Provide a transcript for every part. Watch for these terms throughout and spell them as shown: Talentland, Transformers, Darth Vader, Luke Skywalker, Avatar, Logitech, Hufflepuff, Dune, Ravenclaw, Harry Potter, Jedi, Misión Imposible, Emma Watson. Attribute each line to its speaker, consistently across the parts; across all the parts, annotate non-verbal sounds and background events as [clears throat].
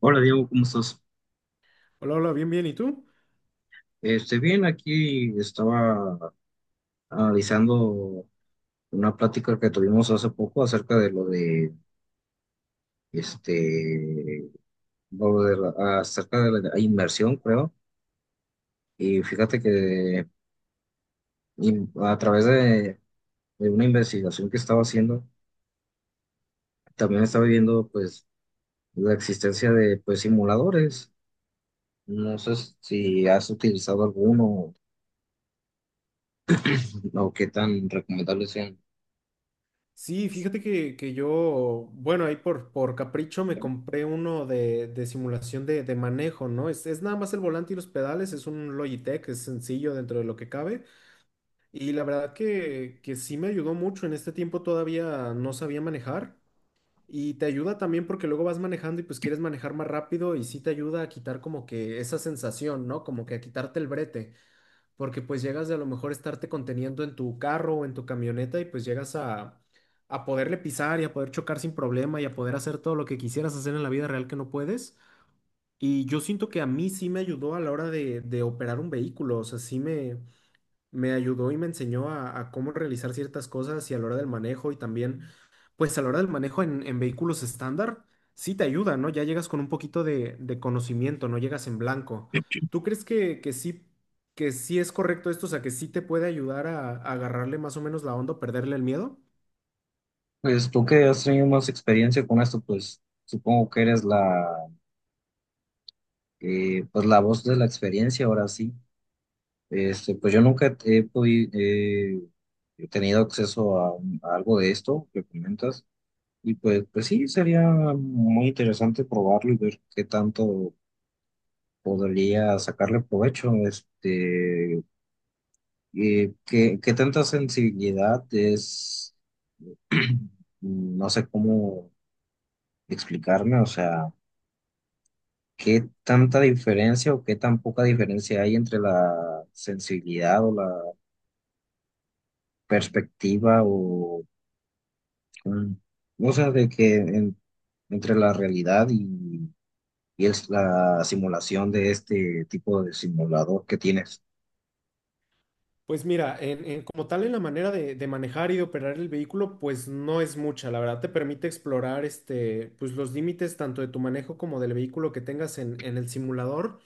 Speaker 1: Hola Diego, ¿cómo estás?
Speaker 2: Hola, hola, bien, bien. ¿Y tú?
Speaker 1: Bien, aquí estaba analizando una plática que tuvimos hace poco acerca de este, lo de acerca de la inversión, creo. Y fíjate que a través de una investigación que estaba haciendo, también estaba viendo, pues, la existencia de, pues, simuladores. No sé si has utilizado alguno o qué tan recomendables sean.
Speaker 2: Sí, fíjate que yo, bueno, ahí por capricho me compré uno de simulación de manejo, ¿no? Es nada más el volante y los pedales, es un Logitech, es sencillo dentro de lo que cabe. Y la verdad que sí me ayudó mucho. En este tiempo todavía no sabía manejar. Y te ayuda también porque luego vas manejando y pues quieres manejar más rápido y sí te ayuda a quitar como que esa sensación, ¿no? Como que a quitarte el brete. Porque pues llegas de a lo mejor estarte conteniendo en tu carro o en tu camioneta y pues llegas a poderle pisar y a poder chocar sin problema y a poder hacer todo lo que quisieras hacer en la vida real que no puedes. Y yo siento que a mí sí me ayudó a la hora de operar un vehículo, o sea, sí me ayudó y me enseñó a cómo realizar ciertas cosas y a la hora del manejo y también, pues a la hora del manejo en vehículos estándar, sí te ayuda, ¿no? Ya llegas con un poquito de conocimiento, no llegas en blanco. ¿Tú crees que sí es correcto esto? O sea, que sí te puede ayudar a agarrarle más o menos la onda, o perderle el miedo.
Speaker 1: Pues tú que has tenido más experiencia con esto, pues supongo que eres pues, la voz de la experiencia ahora sí. Pues yo nunca podido he tenido acceso a algo de esto que comentas y pues sí, sería muy interesante probarlo y ver qué tanto podría sacarle provecho. ¿Qué tanta sensibilidad es, [clears throat] no sé cómo explicarme, o sea? ¿Qué tanta diferencia o qué tan poca diferencia hay entre la sensibilidad o la perspectiva o mm, o sea, de entre la realidad y es la simulación de este tipo de simulador que tienes?
Speaker 2: Pues mira, como tal en la manera de manejar y de operar el vehículo, pues no es mucha, la verdad te permite explorar este, pues los límites tanto de tu manejo como del vehículo que tengas en el simulador,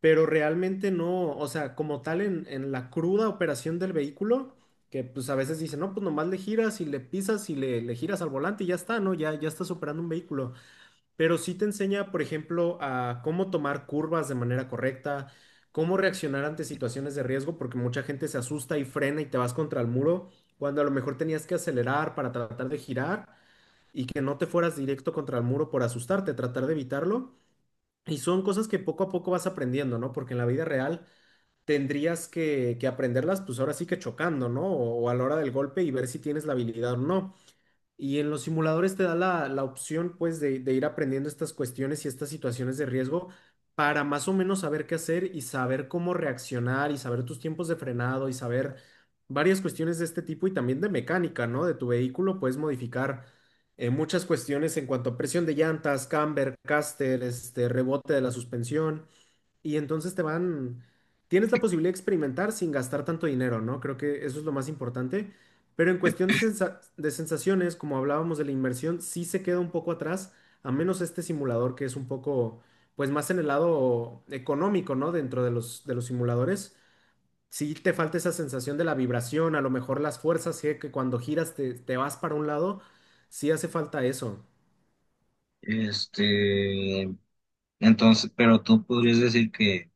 Speaker 2: pero realmente no, o sea, como tal en la cruda operación del vehículo, que pues a veces dicen, no, pues nomás le giras y le pisas y le giras al volante y ya está, ¿no? Ya, ya estás operando un vehículo, pero sí te enseña, por ejemplo, a cómo tomar curvas de manera correcta, cómo reaccionar ante situaciones de riesgo, porque mucha gente se asusta y frena y te vas contra el muro, cuando a lo mejor tenías que acelerar para tratar de girar. Y que no te fueras directo contra el muro por asustarte, tratar de evitarlo. Y son cosas que poco a poco vas aprendiendo, ¿no? Porque en la vida real tendrías que aprenderlas, pues ahora sí que chocando, ¿no? O a la hora del golpe y ver si tienes la habilidad o no. Y en los simuladores te da la opción, pues, de ir aprendiendo estas cuestiones y estas situaciones de riesgo para más o menos saber qué hacer y saber cómo reaccionar y saber tus tiempos de frenado y saber varias cuestiones de este tipo y también de mecánica, ¿no? De tu vehículo puedes modificar muchas cuestiones en cuanto a presión de llantas, camber, caster, rebote de la suspensión. Y entonces tienes la posibilidad de experimentar sin gastar tanto dinero, ¿no? Creo que eso es lo más importante. Pero en cuestión de sensaciones, como hablábamos de la inmersión, sí se queda un poco atrás, a menos este simulador que es un poco, pues más en el lado económico, ¿no? Dentro de los simuladores. Sí te falta esa sensación de la vibración, a lo mejor las fuerzas, sí, que cuando giras te vas para un lado, sí hace falta eso.
Speaker 1: Este, entonces, pero tú podrías decir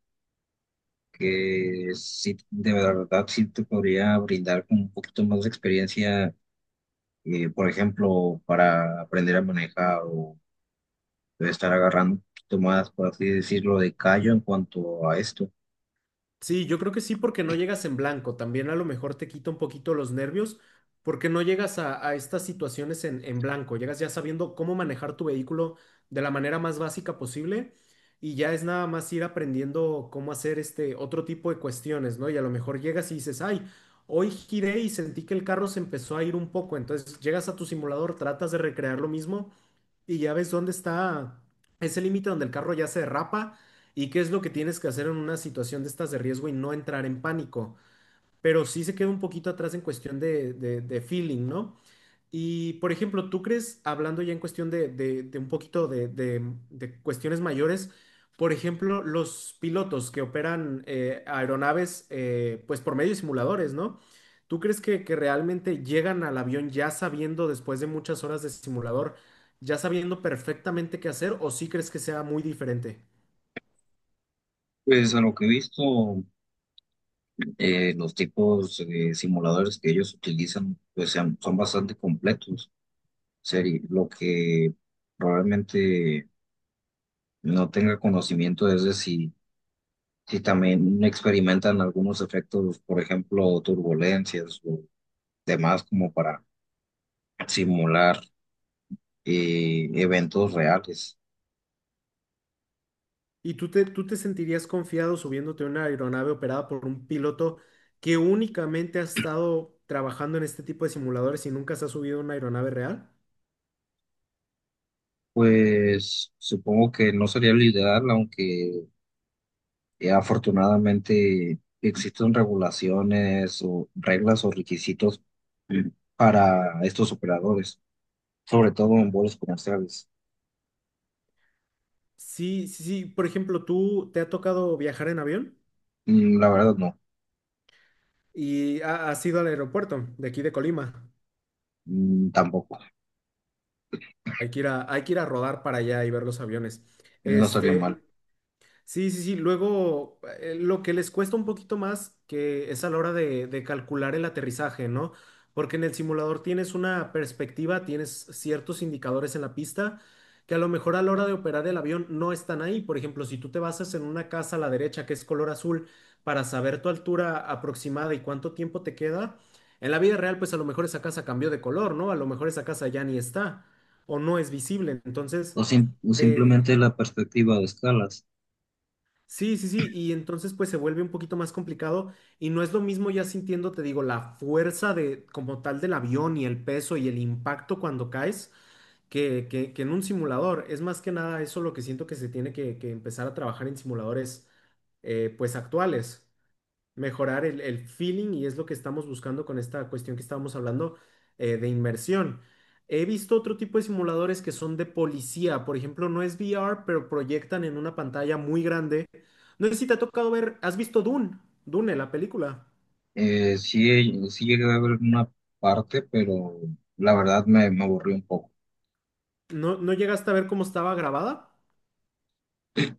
Speaker 1: que sí, de verdad sí te podría brindar como un poquito más de experiencia, por ejemplo, para aprender a manejar. Debe estar agarrando un poquito más, por así decirlo, de callo en cuanto a esto.
Speaker 2: Sí, yo creo que sí, porque no llegas en blanco. También a lo mejor te quita un poquito los nervios, porque no llegas a estas situaciones en blanco. Llegas ya sabiendo cómo manejar tu vehículo de la manera más básica posible y ya es nada más ir aprendiendo cómo hacer este otro tipo de cuestiones, ¿no? Y a lo mejor llegas y dices, ay, hoy giré y sentí que el carro se empezó a ir un poco. Entonces llegas a tu simulador, tratas de recrear lo mismo y ya ves dónde está ese límite donde el carro ya se derrapa y qué es lo que tienes que hacer en una situación de estas de riesgo y no entrar en pánico. Pero sí se queda un poquito atrás en cuestión de feeling, ¿no? Y, por ejemplo, ¿tú crees, hablando ya en cuestión de un poquito de cuestiones mayores, por ejemplo, los pilotos que operan aeronaves, pues por medio de simuladores, ¿no? ¿Tú crees que realmente llegan al avión ya sabiendo, después de muchas horas de simulador, ya sabiendo perfectamente qué hacer, o sí crees que sea muy diferente?
Speaker 1: Pues a lo que he visto, los tipos de simuladores que ellos utilizan, son bastante completos. Seri, lo que probablemente no tenga conocimiento es de si también experimentan algunos efectos, por ejemplo, turbulencias o demás, como para simular eventos reales.
Speaker 2: ¿Y tú te sentirías confiado subiéndote a una aeronave operada por un piloto que únicamente ha estado trabajando en este tipo de simuladores y nunca se ha subido a una aeronave real?
Speaker 1: Pues supongo que no sería lo ideal, aunque, afortunadamente, existen regulaciones o reglas o requisitos mm, para estos operadores, sobre todo en vuelos comerciales.
Speaker 2: Sí, sí, sí. Por ejemplo, ¿tú te ha tocado viajar en avión
Speaker 1: Mm, la verdad no.
Speaker 2: y has ido al aeropuerto de aquí de Colima?
Speaker 1: Mm, tampoco,
Speaker 2: Hay que ir a rodar para allá y ver los aviones.
Speaker 1: no estaría
Speaker 2: Este,
Speaker 1: mal.
Speaker 2: Sí, sí, sí. Luego, lo que les cuesta un poquito más que es a la hora de calcular el aterrizaje, ¿no? Porque en el simulador tienes una perspectiva, tienes ciertos indicadores en la pista que a lo mejor a la hora de operar el avión no están ahí. Por ejemplo, si tú te basas en una casa a la derecha que es color azul para saber tu altura aproximada y cuánto tiempo te queda, en la vida real, pues a lo mejor esa casa cambió de color, ¿no? A lo mejor esa casa ya ni está o no es visible. Entonces…
Speaker 1: O o
Speaker 2: Eh,
Speaker 1: simplemente la perspectiva de escalas.
Speaker 2: sí, sí, sí, y entonces pues se vuelve un poquito más complicado y no es lo mismo ya sintiendo, te digo, la fuerza de como tal del avión y el peso y el impacto cuando caes que en un simulador. Es más que nada eso lo que siento que se tiene que empezar a trabajar en simuladores pues actuales, mejorar el feeling y es lo que estamos buscando con esta cuestión que estábamos hablando de inmersión. He visto otro tipo de simuladores que son de policía, por ejemplo, no es VR, pero proyectan en una pantalla muy grande. No sé si te ha tocado ver, ¿has visto Dune? Dune, la película.
Speaker 1: Sí, sí llegué a ver una parte, pero la verdad me aburrí un poco.
Speaker 2: ¿No, no llegaste a ver cómo estaba grabada?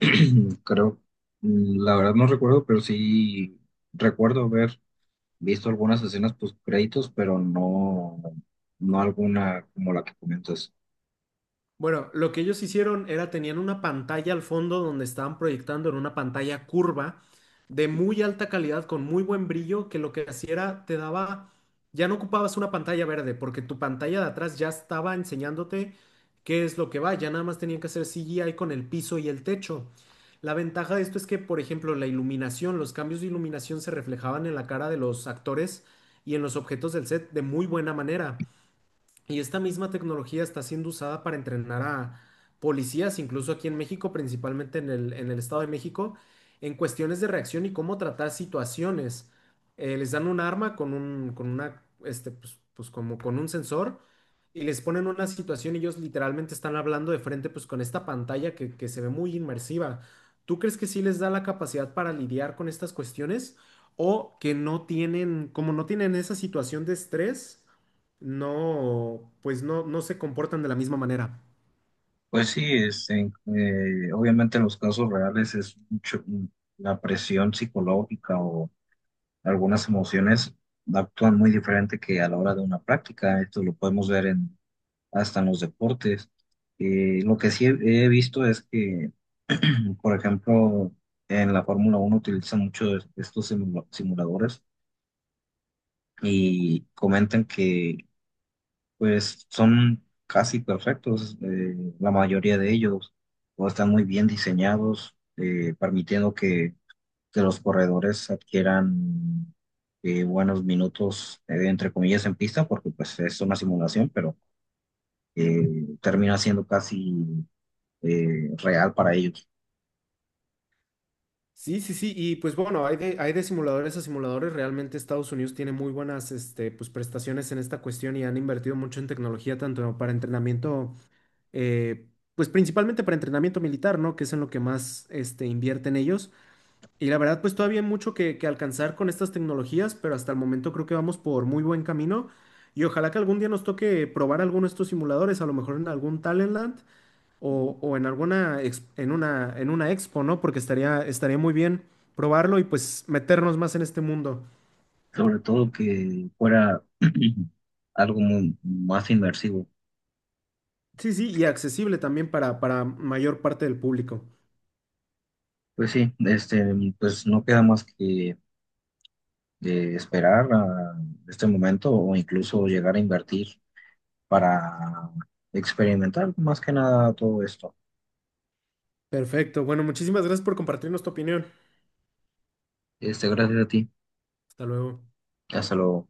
Speaker 1: [clears throat] Creo, mm, la verdad no recuerdo, pero sí recuerdo ver. Visto algunas escenas post créditos, pero no, no alguna como la que comentas.
Speaker 2: Bueno, lo que ellos hicieron era tenían una pantalla al fondo donde estaban proyectando en una pantalla curva de muy alta calidad con muy buen brillo que lo que hacía era te daba, ya no ocupabas una pantalla verde porque tu pantalla de atrás ya estaba enseñándote qué es lo que va, ya nada más tenían que hacer CGI con el piso y el techo. La ventaja de esto es que, por ejemplo, la iluminación, los cambios de iluminación se reflejaban en la cara de los actores y en los objetos del set de muy buena manera. Y esta misma tecnología está siendo usada para entrenar a policías, incluso aquí en México, principalmente en el Estado de México, en cuestiones de reacción y cómo tratar situaciones. Les dan un arma con una, pues como con un sensor y les ponen una situación y ellos literalmente están hablando de frente, pues con esta pantalla que se ve muy inmersiva. ¿Tú crees que sí les da la capacidad para lidiar con estas cuestiones o que no tienen, como no tienen esa situación de estrés? No, pues no, no se comportan de la misma manera.
Speaker 1: Pues sí, obviamente en los casos reales es la presión psicológica o algunas emociones actúan muy diferente que a la hora de una práctica. Esto lo podemos ver en, hasta en los deportes. Lo que sí he visto es que, por ejemplo, en la Fórmula 1 utilizan mucho estos simuladores y comentan que pues son casi perfectos, la mayoría de ellos, o están muy bien diseñados, permitiendo que los corredores adquieran buenos minutos, entre comillas, en pista, porque pues es una simulación, pero eh, termina siendo casi real para ellos.
Speaker 2: Sí, sí, sí, y pues bueno, hay de simuladores a simuladores, realmente Estados Unidos tiene muy buenas pues, prestaciones en esta cuestión y han invertido mucho en tecnología, tanto para entrenamiento, pues principalmente para entrenamiento militar, ¿no? Que es en lo que más invierten ellos. Y la verdad, pues todavía hay mucho que alcanzar con estas tecnologías, pero hasta el momento creo que vamos por muy buen camino y ojalá que algún día nos toque probar alguno de estos simuladores, a lo mejor en algún Talentland. O en alguna en una expo, ¿no? Porque estaría muy bien probarlo y pues meternos más en este mundo.
Speaker 1: Sobre todo que fuera [clears throat] algo más inmersivo.
Speaker 2: Sí, sí, y accesible también para mayor parte del público.
Speaker 1: Pues sí, este, pues no queda más que de esperar a este momento o incluso llegar a invertir para experimentar más que nada todo esto.
Speaker 2: Perfecto. Bueno, muchísimas gracias por compartirnos tu opinión.
Speaker 1: Este, gracias a ti.
Speaker 2: Hasta luego.
Speaker 1: Hasta luego.